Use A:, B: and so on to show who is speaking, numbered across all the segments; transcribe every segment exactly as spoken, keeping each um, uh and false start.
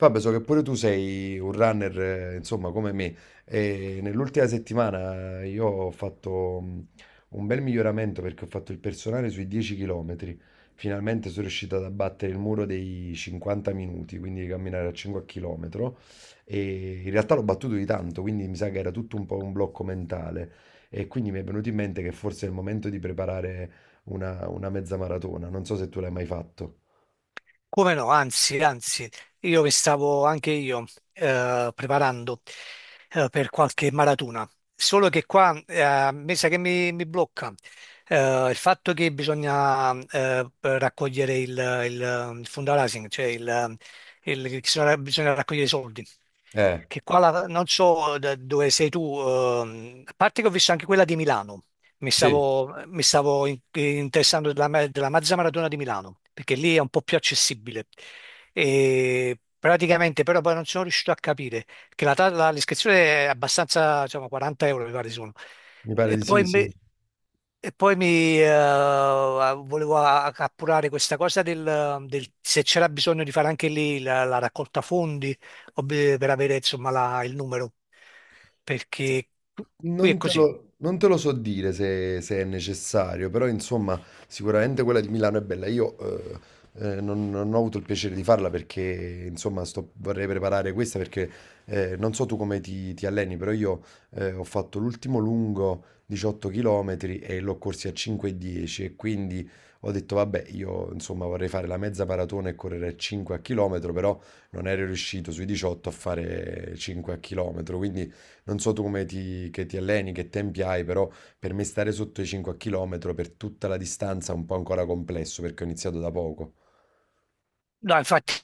A: Vabbè, so che pure tu sei un runner, eh, insomma, come me. E nell'ultima settimana io ho fatto mh, un bel miglioramento perché ho fatto il personale sui dieci chilometri. Finalmente sono riuscito ad abbattere il muro dei cinquanta minuti, quindi di camminare a cinque chilometri. E in realtà l'ho battuto di tanto, quindi mi sa che era tutto un po' un blocco mentale. E quindi mi è venuto in mente che forse è il momento di preparare una, una mezza maratona. Non so se tu l'hai mai fatto.
B: Come no, anzi, anzi, io mi stavo anche io eh, preparando eh, per qualche maratona, solo che qua eh, mi sa che mi, mi blocca eh, il fatto che bisogna eh, raccogliere il, il, il fundraising, cioè il, il- bisogna bisogna raccogliere i soldi
A: Eh,
B: che qua la- non so da dove sei tu, ehm, a parte che ho visto anche quella di Milano. mi
A: sì.
B: stavo, mi stavo in- interessando della, ma- della Mazza Maratona di Milano, perché lì è un po' più accessibile. E praticamente però poi non sono riuscito a capire, che la, ta- la- l'iscrizione è abbastanza, diciamo, quaranta euro mi pare sono.
A: Mi pare
B: E
A: di sì,
B: poi
A: sì.
B: mi, e poi mi, eh, volevo a- appurare questa cosa del, del- se c'era bisogno di fare anche lì la, la raccolta fondi ob- per avere insomma la- il numero,
A: Se-
B: perché qui è
A: Non te
B: così.
A: lo, non te lo so dire se, se è necessario, però insomma sicuramente quella di Milano è bella. Io eh, eh, non, non ho avuto il piacere di farla perché insomma sto- vorrei preparare questa perché eh, non so tu come ti, ti alleni, però io eh, ho fatto l'ultimo lungo diciotto chilometri e l'ho corsi a cinque e dieci e dieci e quindi ho detto vabbè io insomma vorrei fare la mezza maratona e correre a cinque a chilometro, però non ero riuscito sui diciotto a fare cinque a chilometro, quindi. Non so tu come ti, che ti alleni, che tempi hai, però per me stare sotto i cinque chilometri per tutta la distanza è un po' ancora complesso perché ho iniziato da poco.
B: No, infatti,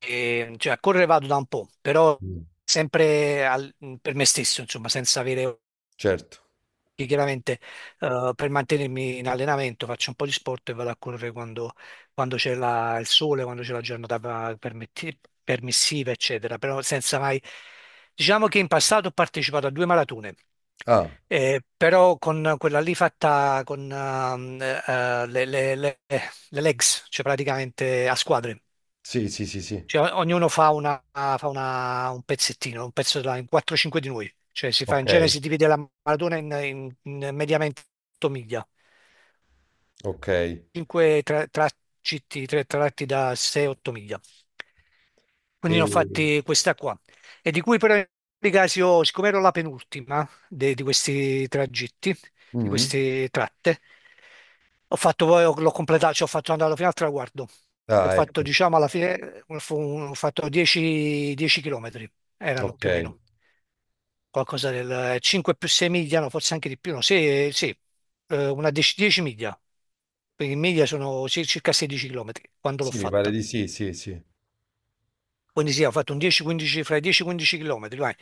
B: eh, cioè, a correre vado da un po', però
A: Mm.
B: sempre al- per me stesso, insomma, senza avere
A: Certo.
B: che chiaramente eh, per mantenermi in allenamento faccio un po' di sport e vado a correre quando, quando c'è la- il sole, quando c'è la giornata permetti- permissiva, eccetera, però senza mai. Diciamo che in passato ho partecipato a due maratone,
A: Ah,
B: eh, però con quella lì fatta con ehm, eh, eh, le, le- le- le legs, cioè praticamente a squadre.
A: sì, sì, sì, sì.
B: Cioè, o- ognuno fa, una, fa una- un pezzettino, un pezzo della, in quattro cinque di noi. Cioè, si fa
A: Ok.
B: in genere, si divide la maratona in, in- in mediamente otto miglia,
A: Ok.
B: cinque tra, tra- citti, tre tratti da sei otto miglia. Quindi ne ho
A: E.
B: fatti questa qua. E di cui però in ogni caso, io, siccome ero la penultima de- di questi tragitti, di
A: Mm?
B: queste tratte, ho fatto poi, l'ho completato, ci ho fatto andare fino al traguardo. Ho
A: Ah,
B: fatto,
A: ecco.
B: diciamo, alla fine, fu- ho fatto dieci dieci chilometri, erano
A: Ok.
B: più o meno, qualcosa del cinque più sei miglia, no, forse anche di più, no, sì, sì, eh, una dieci dieci miglia. Quindi in miglia sono ci- circa sedici chilometri quando l'ho
A: Sì, mi pare
B: fatta.
A: di sì, sì, sì.
B: Quindi sì, ho fatto un dieci a quindici fra i dieci quindici km, vai.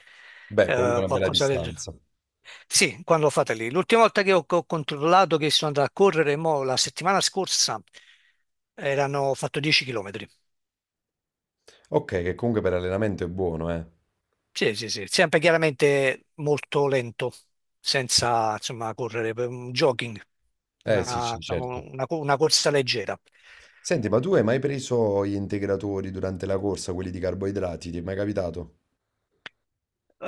A: Beh, comunque
B: Eh,
A: è una bella
B: qualcosa del genere.
A: distanza.
B: Sì, quando l'ho fatta lì. L'ultima volta che ho, che ho controllato che sono andato a correre, mo, la settimana scorsa, erano, ho fatto dieci chilometri.
A: Ok, che comunque per allenamento è buono, eh.
B: Sì, sì, sì, sempre chiaramente molto lento, senza, insomma, correre, per un jogging,
A: Eh, sì,
B: una,
A: sì,
B: diciamo,
A: certo.
B: una co- una corsa leggera.
A: Senti, ma tu hai mai preso gli integratori durante la corsa, quelli di carboidrati? Ti è mai capitato?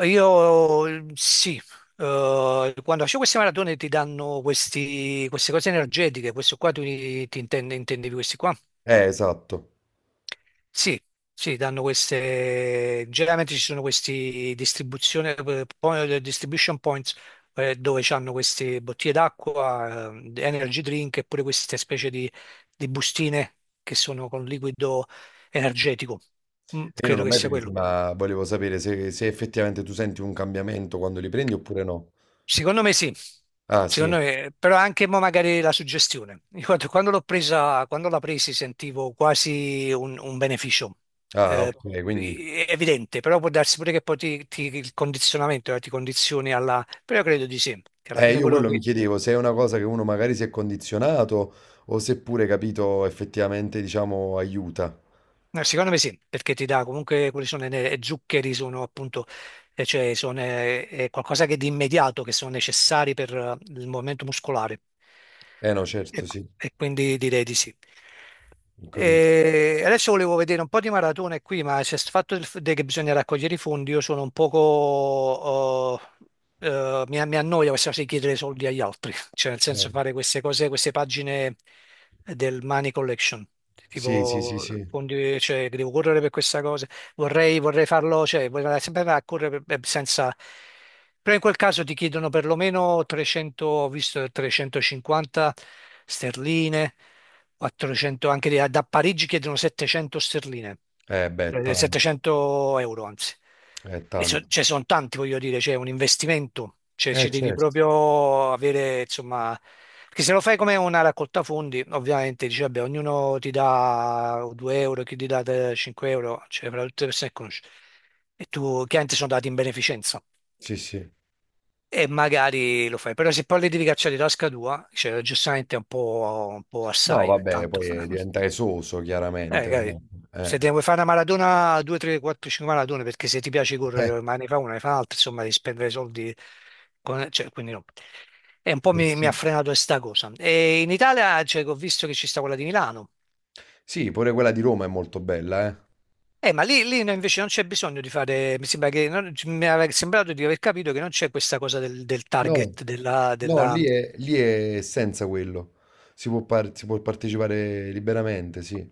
B: Io eh, sì, eh, quando faccio queste maratone ti danno questi- queste cose energetiche, questo qua tu ti, ti intende- intendevi questi qua?
A: Eh, esatto.
B: Sì, sì, danno queste, generalmente ci sono questi distribuzione, eh, point- distribution points eh, dove hanno queste bottiglie d'acqua, eh, energy drink e pure queste specie di, di bustine che sono con liquido energetico. Mm,
A: Io non l'ho
B: credo che
A: mai
B: sia
A: presi,
B: quello.
A: ma volevo sapere se, se effettivamente tu senti un cambiamento quando li prendi oppure no.
B: Secondo me sì,
A: Ah, sì.
B: secondo me, però anche mo magari la suggestione. Ricordo quando quando l'ho presa, quando la presi sentivo quasi un, un beneficio
A: Ah,
B: eh,
A: ok, quindi.
B: evidente, però può darsi pure che poi ti, ti- il condizionamento, eh, ti condizioni alla. Però credo di sì, che alla
A: Eh,
B: fine
A: io
B: quello
A: quello mi
B: ti.
A: chiedevo se è una cosa che uno magari si è condizionato o seppure, capito, effettivamente, diciamo, aiuta.
B: No, secondo me sì, perché ti dà comunque quelli sono le zuccheri, sono appunto e cioè sono, è, è qualcosa che di immediato, che sono necessari per eh, il movimento muscolare.
A: Eh no,
B: E,
A: certo,
B: qu-
A: sì,
B: e quindi direi di sì.
A: ho capito.
B: E adesso volevo vedere un po' di maratone qui, ma c'è il fatto del f- de- che bisogna raccogliere i fondi, io sono un poco. Oh, eh, mi, mi annoia questa cosa di chiedere soldi agli altri, cioè nel
A: Eh,
B: senso fare queste cose, queste pagine del Money Collection,
A: Sì, sì, sì,
B: tipo
A: sì.
B: fondi, cioè che devo correre per questa cosa. vorrei, vorrei farlo, cioè vorrei andare sempre a correre per- per- senza. Però in quel caso ti chiedono perlomeno trecento, ho visto trecentocinquanta sterline, quattrocento, anche da da Parigi chiedono settecento sterline,
A: Eh, beh,
B: eh,
A: tanto,
B: settecento euro anzi.
A: è
B: E so-
A: tanto.
B: ce ne sono tanti, voglio dire, c'è un investimento, cioè
A: Eh,
B: ci devi
A: certo.
B: proprio avere, insomma, perché se lo fai come una raccolta fondi, ovviamente dici, vabbè, ognuno ti dà due euro, chi ti dà te- cinque euro, cioè fra tutte le persone che conosci. E tu, chiaramente sono dati in beneficenza
A: Sì, sì.
B: e magari lo fai, però se poi li devi cacciare di tasca tua, cioè, giustamente è un po', un po'
A: No,
B: assai,
A: vabbè,
B: tanto.
A: poi eh, diventa esoso,
B: Eh,
A: chiaramente,
B: dai,
A: no? Eh.
B: se te ne vuoi fare una maratona, due, tre, quattro, cinque maratone, perché se ti piace
A: Eh,
B: correre, ma ne fa una, ne fa un'altra, insomma, devi spendere soldi, con- cioè, quindi no. E un po'
A: eh
B: mi, mi ha
A: sì.
B: frenato questa cosa. E in Italia, cioè, che ho visto che ci sta quella di Milano.
A: Sì, pure quella di Roma è molto bella, eh.
B: Eh, ma lì, lì no, invece non c'è bisogno di fare, mi sembra che, non- mi aveva sembrato di aver capito che non c'è questa cosa del, del
A: No,
B: target della,
A: no,
B: della.
A: lì è, lì è senza quello. Si può, par- si può partecipare liberamente, sì.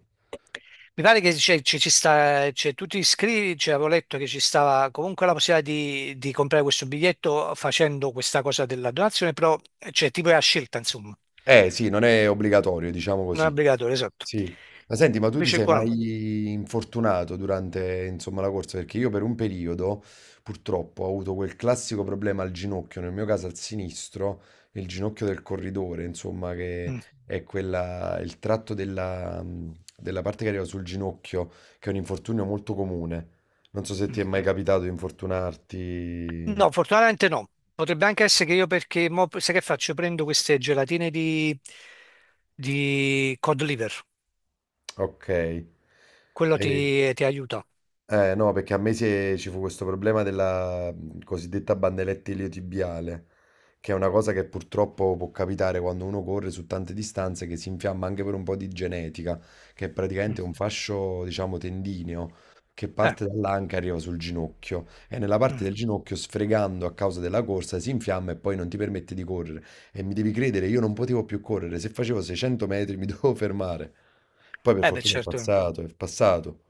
B: Mi pare che c'è- ci ci sta, cioè, tu ti iscrivi, cioè, avevo letto che ci stava comunque la possibilità di, di comprare questo biglietto facendo questa cosa della donazione, però cioè, tipo è a scelta, insomma,
A: Eh sì, non è obbligatorio, diciamo
B: non è
A: così.
B: obbligatorio, esatto.
A: Sì. Ma senti, ma tu ti
B: Invece
A: sei
B: qua no.
A: mai infortunato durante, insomma, la corsa? Perché io per un periodo, purtroppo, ho avuto quel classico problema al ginocchio, nel mio caso al sinistro, il ginocchio del corridore, insomma, che
B: Mm,
A: è quella, il tratto della, della parte che arriva sul ginocchio, che è un infortunio molto comune. Non so se ti
B: mm.
A: è mai capitato di
B: No,
A: infortunarti.
B: fortunatamente no. Potrebbe anche essere che io perché, mo, sai che faccio? Prendo queste gelatine di, di cod liver,
A: Ok.
B: quello
A: E-
B: ti, ti aiuta.
A: Eh, no, perché a me si è- ci fu questo problema della mh, cosiddetta bandeletta iliotibiale, che è una cosa che purtroppo può capitare quando uno corre su tante distanze, che si infiamma anche per un po' di genetica, che è
B: Mm.
A: praticamente un fascio, diciamo, tendineo, che
B: Eh,
A: parte dall'anca e arriva sul ginocchio, e nella parte
B: mm.
A: del ginocchio, sfregando a causa della corsa, si infiamma e poi non ti permette di correre. E mi devi credere, io non potevo più correre, se facevo seicento metri mi dovevo fermare. Poi per
B: Eh, beh,
A: fortuna è
B: certo.
A: passato, è passato.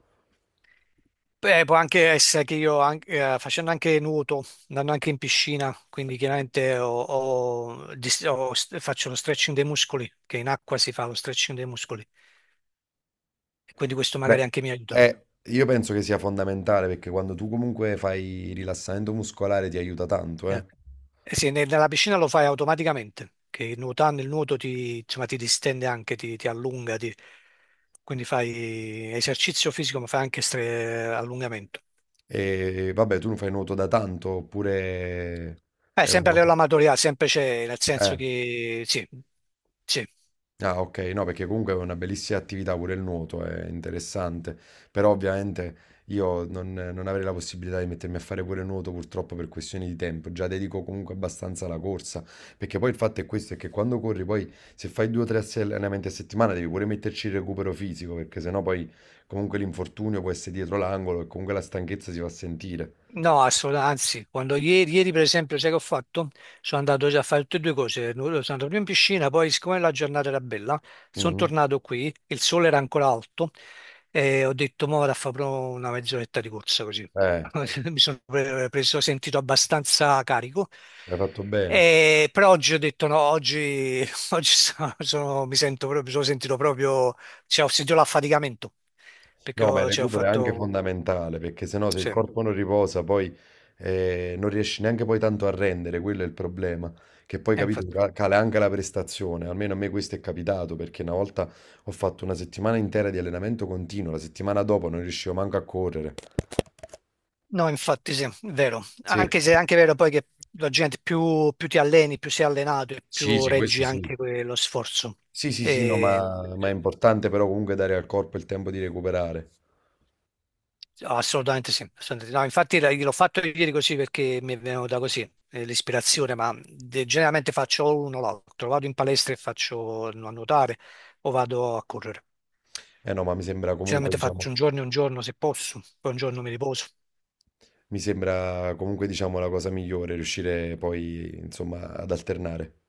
B: Beh, può anche essere che io an- eh, facendo anche nuoto, andando anche in piscina, quindi chiaramente ho- ho dis- ho st- faccio lo stretching dei muscoli, che in acqua si fa lo stretching dei muscoli, e quindi questo magari
A: Beh,
B: anche mi aiuta.
A: eh, io penso che sia fondamentale perché quando tu comunque fai rilassamento muscolare ti aiuta tanto,
B: Eh.
A: eh.
B: Eh sì, ne- nella piscina lo fai automaticamente, che nuotando il nuoto ti, insomma, ti distende anche, ti, ti allunga, ti- quindi fai esercizio fisico, ma fai anche stre- allungamento.
A: E vabbè, tu non fai nuoto da tanto, oppure
B: Eh,
A: è una
B: sempre a
A: cosa.
B: livello amatoriale, sempre c'è, nel senso
A: Eh.
B: che sì, sì.
A: Ah, ok, no, perché comunque è una bellissima attività pure il nuoto, è interessante, però ovviamente io non, non avrei la possibilità di mettermi a fare pure nuoto purtroppo per questioni di tempo, già dedico comunque abbastanza alla corsa, perché poi il fatto è questo, è che quando corri poi se fai due o tre allenamenti a settimana devi pure metterci il recupero fisico, perché sennò poi comunque l'infortunio può essere dietro l'angolo e comunque la stanchezza si va a sentire.
B: No, assolutamente, anzi, quando ieri, ieri, per esempio, sai che ho fatto? Sono andato già a fare tutte e due cose, sono andato prima in piscina, poi siccome la giornata era bella, sono
A: Mm.
B: tornato qui, il sole era ancora alto e ho detto, mo vado a fare proprio una mezz'oretta di corsa così.
A: Eh,
B: Mi sono pre- preso, sentito abbastanza carico.
A: hai fatto bene.
B: E- però oggi ho detto no, oggi, oggi sono- sono- mi sento proprio, mi sono sentito proprio, cioè, ho sentito l'affaticamento, perché
A: No, ma il
B: ho, cioè, ho
A: recupero è anche
B: fatto,
A: fondamentale perché sennò se il
B: sì, e
A: corpo non riposa poi eh, non riesci neanche poi tanto a rendere, quello è il problema, che poi capito
B: infatti.
A: ca- cala anche la prestazione, almeno a me questo è capitato perché una volta ho fatto una settimana intera di allenamento continuo, la settimana dopo non riuscivo manco a correre.
B: No, infatti sì, è vero.
A: Sì.
B: Anche se è anche vero poi che la gente più, più ti alleni, più sei allenato e
A: Sì,
B: più
A: sì, questo
B: reggi
A: sì.
B: anche que- lo sforzo.
A: Sì, sì, sì, no,
B: E-
A: ma, ma è importante però comunque dare al corpo il tempo di recuperare.
B: Assolutamente sì. Assolutamente, sì. No, infatti la- l'ho fatto ieri così perché mi è venuta così eh, l'ispirazione, ma de- generalmente faccio o l'uno o l'altro. Vado in palestra e faccio a nuotare o vado a correre.
A: Eh no, ma mi sembra comunque,
B: Generalmente faccio
A: diciamo.
B: un giorno e un giorno se posso, poi un giorno mi riposo.
A: Mi sembra comunque diciamo la cosa migliore, riuscire poi insomma ad alternare.